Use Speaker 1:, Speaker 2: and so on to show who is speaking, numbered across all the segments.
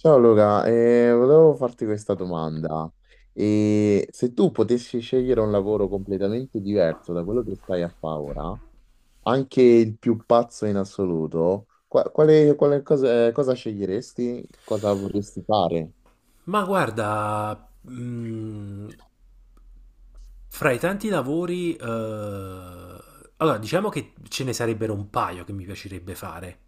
Speaker 1: Ciao Luca, volevo farti questa domanda. E se tu potessi scegliere un lavoro completamente diverso da quello che stai a fare ora, anche il più pazzo in assoluto, quale cosa, cosa sceglieresti? Cosa vorresti fare?
Speaker 2: Ma guarda, fra i tanti lavori, allora diciamo che ce ne sarebbero un paio che mi piacerebbe fare.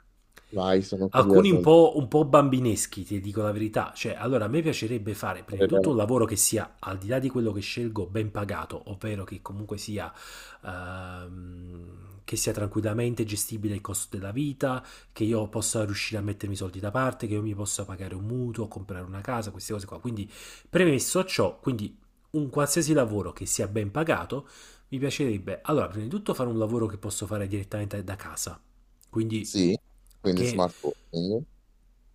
Speaker 1: Vai, sono
Speaker 2: Alcuni un
Speaker 1: curioso.
Speaker 2: po', un po' bambineschi, ti dico la verità. Cioè, allora a me piacerebbe fare prima di tutto un lavoro che sia, al di là di quello che scelgo, ben pagato, ovvero che comunque sia, che sia tranquillamente gestibile il costo della vita, che io possa riuscire a mettermi i soldi da parte, che io mi possa pagare un mutuo, comprare una casa, queste cose qua. Quindi, premesso ciò, quindi un qualsiasi lavoro che sia ben pagato, mi piacerebbe, allora, prima di tutto fare un lavoro che posso fare direttamente da casa, quindi
Speaker 1: Sì, quindi
Speaker 2: che
Speaker 1: smart working.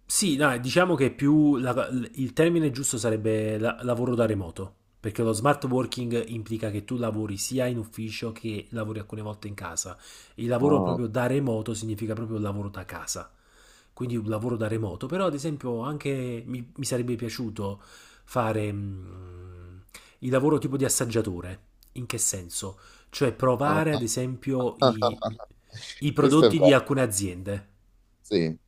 Speaker 2: sì, dai, diciamo che il termine giusto sarebbe lavoro da remoto, perché lo smart working implica che tu lavori sia in ufficio che lavori alcune volte in casa. Il lavoro
Speaker 1: Ah,
Speaker 2: proprio da remoto significa proprio lavoro da casa, quindi un lavoro da remoto, però ad esempio anche mi sarebbe piaciuto fare il lavoro tipo di assaggiatore. In che senso? Cioè provare ad
Speaker 1: ah.
Speaker 2: esempio i i
Speaker 1: Questo è
Speaker 2: prodotti di
Speaker 1: bello.
Speaker 2: alcune aziende.
Speaker 1: Sì,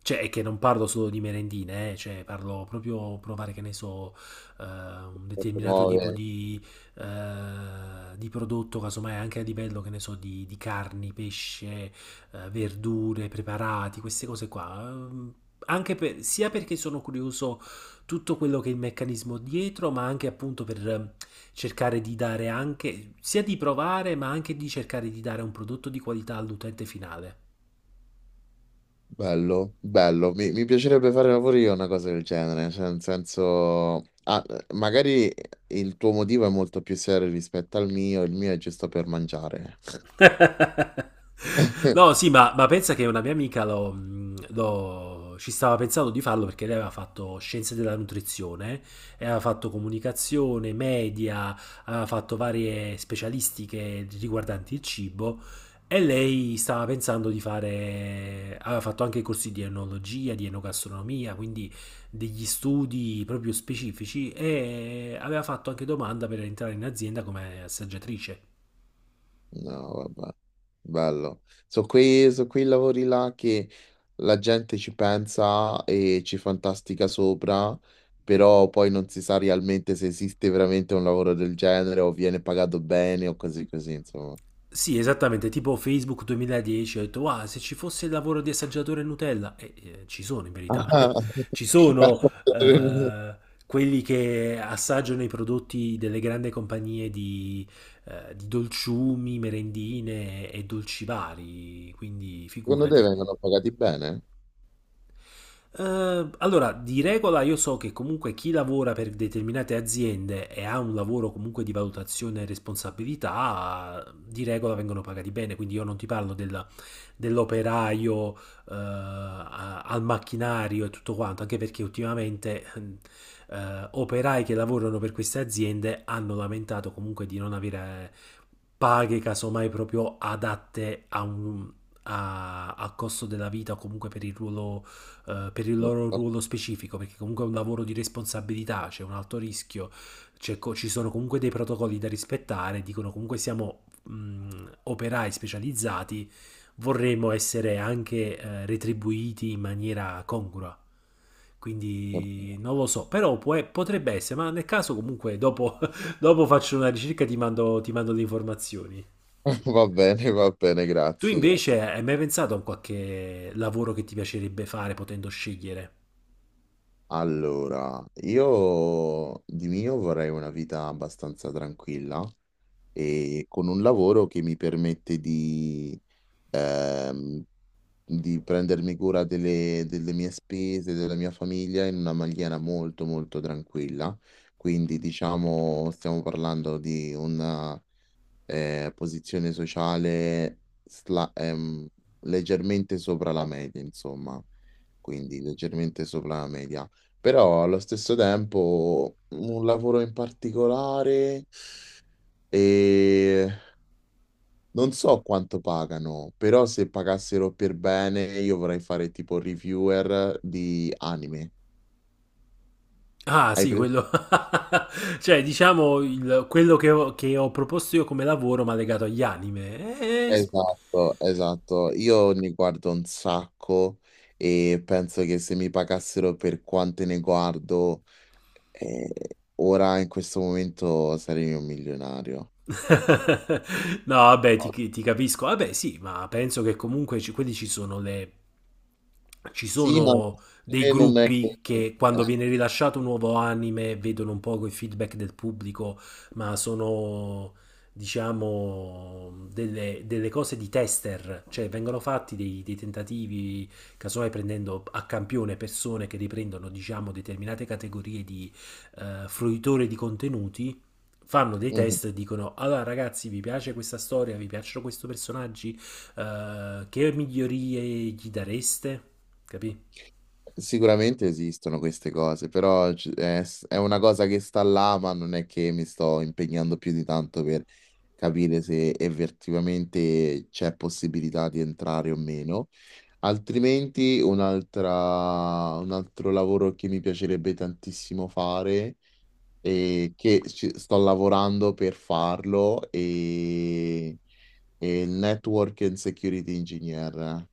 Speaker 2: Cioè, è che non parlo solo di merendine, cioè parlo proprio provare, che ne so, un
Speaker 1: cose
Speaker 2: determinato tipo
Speaker 1: nuove.
Speaker 2: di prodotto, casomai anche a livello, che ne so, di carni, pesce, verdure, preparati, queste cose qua. Anche sia perché sono curioso tutto quello che è il meccanismo dietro, ma anche appunto per cercare di dare anche, sia di provare, ma anche di cercare di dare un prodotto di qualità all'utente finale.
Speaker 1: Bello, bello. Mi piacerebbe fare pure io una cosa del genere, cioè nel senso, ah, magari il tuo motivo è molto più serio rispetto al mio, il mio è giusto per mangiare.
Speaker 2: No, sì, ma pensa che una mia amica ci stava pensando di farlo perché lei aveva fatto scienze della nutrizione, e aveva fatto comunicazione, media, aveva fatto varie specialistiche riguardanti il cibo e lei stava pensando di fare, aveva fatto anche corsi di enologia, di enogastronomia, quindi degli studi proprio specifici e aveva fatto anche domanda per entrare in azienda come assaggiatrice.
Speaker 1: No, vabbè, bello. Sono so quei lavori là che la gente ci pensa e ci fantastica sopra, però poi non si sa realmente se esiste veramente un lavoro del genere o viene pagato bene o così così, insomma.
Speaker 2: Sì, esattamente, tipo Facebook 2010, ho detto, wow, se ci fosse il lavoro di assaggiatore Nutella, e ci sono in verità,
Speaker 1: Ah.
Speaker 2: ci sono eh, quelli che assaggiano i prodotti delle grandi compagnie di dolciumi, merendine e dolci vari, quindi
Speaker 1: Secondo te
Speaker 2: figurati.
Speaker 1: vengono pagati bene?
Speaker 2: Allora, di regola io so che comunque chi lavora per determinate aziende e ha un lavoro comunque di valutazione e responsabilità, di regola vengono pagati bene, quindi io non ti parlo dell'operaio, al macchinario e tutto quanto, anche perché ultimamente operai che lavorano per queste aziende hanno lamentato comunque di non avere paghe casomai proprio adatte a al costo della vita o comunque per il ruolo per il loro
Speaker 1: Giusto?
Speaker 2: ruolo specifico, perché comunque è un lavoro di responsabilità, c'è un alto rischio, ci sono comunque dei protocolli da rispettare, dicono comunque siamo operai specializzati, vorremmo essere anche retribuiti in maniera congrua. Quindi non lo so, però potrebbe essere, ma nel caso comunque dopo, dopo faccio una ricerca e ti mando le informazioni.
Speaker 1: Va bene,
Speaker 2: Tu
Speaker 1: grazie, grazie.
Speaker 2: invece hai mai pensato a un qualche lavoro che ti piacerebbe fare potendo scegliere?
Speaker 1: Allora, io di mio vorrei una vita abbastanza tranquilla e con un lavoro che mi permette ehm, di prendermi cura delle mie spese, della mia famiglia in una maniera molto tranquilla. Quindi, diciamo, stiamo parlando di un posizione sociale leggermente sopra la media, insomma, quindi leggermente sopra la media. Però allo stesso tempo un lavoro in particolare e non so quanto pagano, però se pagassero per bene io vorrei fare tipo reviewer di anime.
Speaker 2: Ah
Speaker 1: Hai
Speaker 2: sì, quello, cioè diciamo quello che ho proposto io come lavoro ma legato agli anime. Eh, s-
Speaker 1: esatto, esatto. Io ne guardo un sacco e penso che se mi pagassero per quante ne guardo, eh, ora in questo momento sarei un milionario.
Speaker 2: No, vabbè,
Speaker 1: No,
Speaker 2: ti capisco. Vabbè, sì, ma penso che comunque ci, quelli ci sono le... Ci
Speaker 1: sì, ma
Speaker 2: sono dei
Speaker 1: non è che...
Speaker 2: gruppi che quando
Speaker 1: eh,
Speaker 2: viene rilasciato un nuovo anime vedono un po' il feedback del pubblico, ma sono, diciamo, delle cose di tester, cioè vengono fatti dei tentativi, casomai prendendo a campione persone che riprendono, diciamo, determinate categorie di fruitori di contenuti fanno dei
Speaker 1: mhm.
Speaker 2: test e dicono allora ragazzi vi piace questa storia, vi piacciono questi personaggi, eh, che migliorie gli dareste? Capì?
Speaker 1: Sicuramente esistono queste cose, però è una cosa che sta là, ma non è che mi sto impegnando più di tanto per capire se effettivamente c'è possibilità di entrare o meno. Altrimenti un altro lavoro che mi piacerebbe tantissimo fare e che sto lavorando per farlo e il Network and Security Engineer,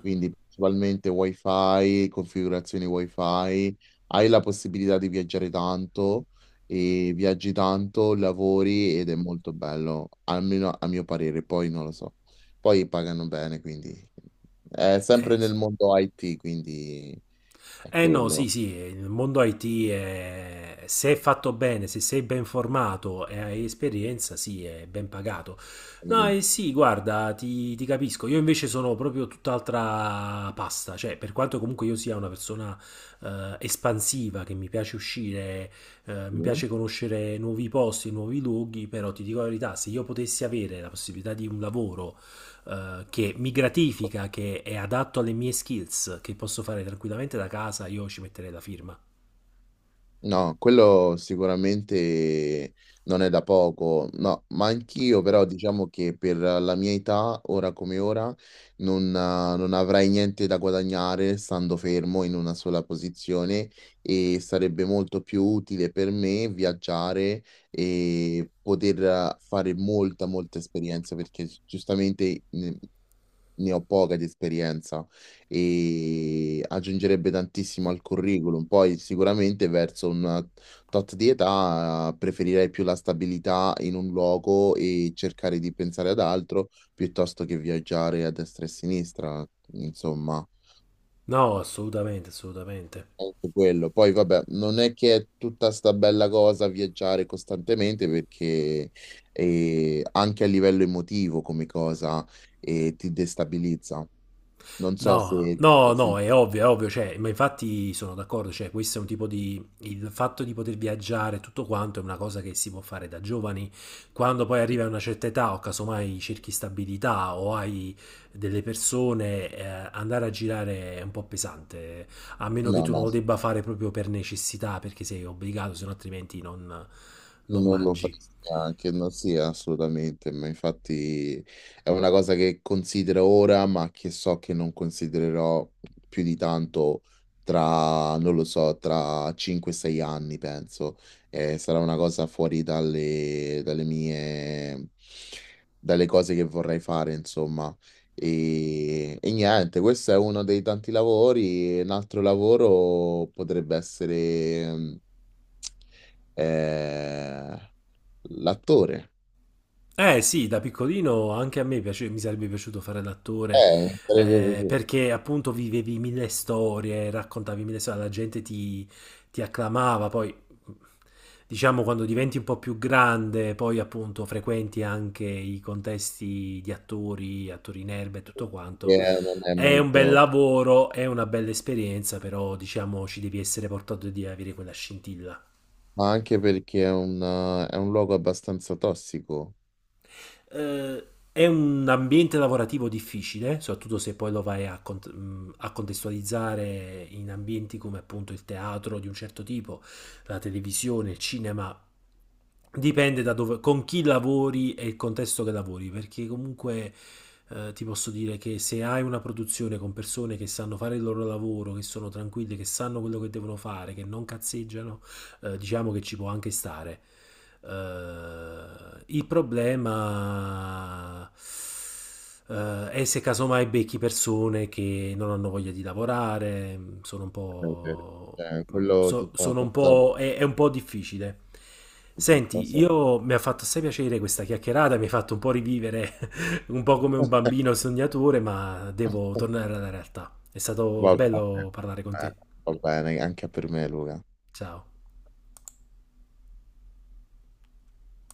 Speaker 1: quindi principalmente wifi, configurazioni wifi, hai la possibilità di viaggiare tanto e viaggi tanto, lavori ed è molto bello, almeno a mio parere, poi non lo so. Poi pagano bene, quindi è sempre
Speaker 2: Eh sì.
Speaker 1: nel mondo IT, quindi è
Speaker 2: Eh no,
Speaker 1: quello.
Speaker 2: sì, sì, il mondo IT è- se è fatto bene, se sei ben formato e hai esperienza, sì, è ben pagato. No, eh sì, guarda, ti capisco. Io invece sono proprio tutt'altra pasta, cioè, per quanto comunque io sia una persona espansiva, che mi piace uscire, mi piace conoscere nuovi posti, nuovi luoghi, però ti dico la verità, se io potessi avere la possibilità di un lavoro che mi gratifica, che è adatto alle mie skills, che posso fare tranquillamente da casa, io ci metterei la firma.
Speaker 1: No, quello sicuramente non è da poco, no, ma anch'io però diciamo che per la mia età, ora come ora, non avrei niente da guadagnare stando fermo in una sola posizione e sarebbe molto più utile per me viaggiare e poter fare molta esperienza perché giustamente ne ho poca di esperienza e aggiungerebbe tantissimo al curriculum. Poi sicuramente verso un tot di età preferirei più la stabilità in un luogo e cercare di pensare ad altro piuttosto che viaggiare a destra e a sinistra, insomma.
Speaker 2: No, assolutamente, assolutamente.
Speaker 1: Anche quello. Poi vabbè, non è che è tutta sta bella cosa viaggiare costantemente perché anche a livello emotivo come cosa ti destabilizza. Non so
Speaker 2: No,
Speaker 1: se
Speaker 2: no, no, è ovvio, cioè, ma infatti sono d'accordo, cioè, questo è un tipo di... il fatto di poter viaggiare, tutto quanto, è una cosa che si può fare da giovani, quando poi arrivi
Speaker 1: sì.
Speaker 2: a una certa età o casomai cerchi stabilità o hai delle persone, andare a girare è un po' pesante, a meno che
Speaker 1: No,
Speaker 2: tu non
Speaker 1: no,
Speaker 2: lo debba fare proprio per necessità, perché sei obbligato, se no altrimenti non
Speaker 1: non lo
Speaker 2: mangi.
Speaker 1: farei neanche, non sia assolutamente, ma infatti è una cosa che considero ora, ma che so che non considererò più di tanto tra, non lo so, tra 5-6 anni, penso. Sarà una cosa fuori dalle dalle cose che vorrei fare, insomma. E niente, questo è uno dei tanti lavori. Un altro lavoro potrebbe essere... eh, l'attore.
Speaker 2: Eh sì, da piccolino anche a me mi sarebbe piaciuto fare l'attore
Speaker 1: Sarebbe così.
Speaker 2: perché appunto vivevi mille storie, raccontavi mille storie, la gente ti, ti acclamava, poi diciamo quando diventi un po' più grande, poi appunto frequenti anche i contesti di attori, attori in erba e tutto
Speaker 1: Che
Speaker 2: quanto.
Speaker 1: non è
Speaker 2: È un bel
Speaker 1: molto...
Speaker 2: lavoro, è una bella esperienza, però diciamo ci devi essere portato di avere quella scintilla.
Speaker 1: ma anche perché è è un luogo abbastanza tossico.
Speaker 2: Eh, è un ambiente lavorativo difficile, soprattutto se poi lo vai a, a contestualizzare in ambienti come appunto il teatro di un certo tipo, la televisione, il cinema. Dipende da dove, con chi lavori e il contesto che lavori, perché comunque ti posso dire che se hai una produzione con persone che sanno fare il loro lavoro, che sono tranquille, che sanno quello che devono fare, che non cazzeggiano, diciamo che ci può anche stare. Il problema è se casomai becchi persone che non hanno voglia di lavorare, sono un
Speaker 1: È vero.
Speaker 2: po'...
Speaker 1: Cioè, quello ti
Speaker 2: so-
Speaker 1: fa
Speaker 2: sono un
Speaker 1: passare...
Speaker 2: po' è un po' difficile.
Speaker 1: Ti fa
Speaker 2: Senti,
Speaker 1: passare.
Speaker 2: io mi ha fatto assai piacere questa chiacchierata, mi ha fatto un po' rivivere, un po' come un bambino sognatore, ma devo tornare alla realtà. È stato
Speaker 1: Va bene,
Speaker 2: bello parlare con
Speaker 1: eh,
Speaker 2: te.
Speaker 1: va bene, anche per me, Luca.
Speaker 2: Ciao.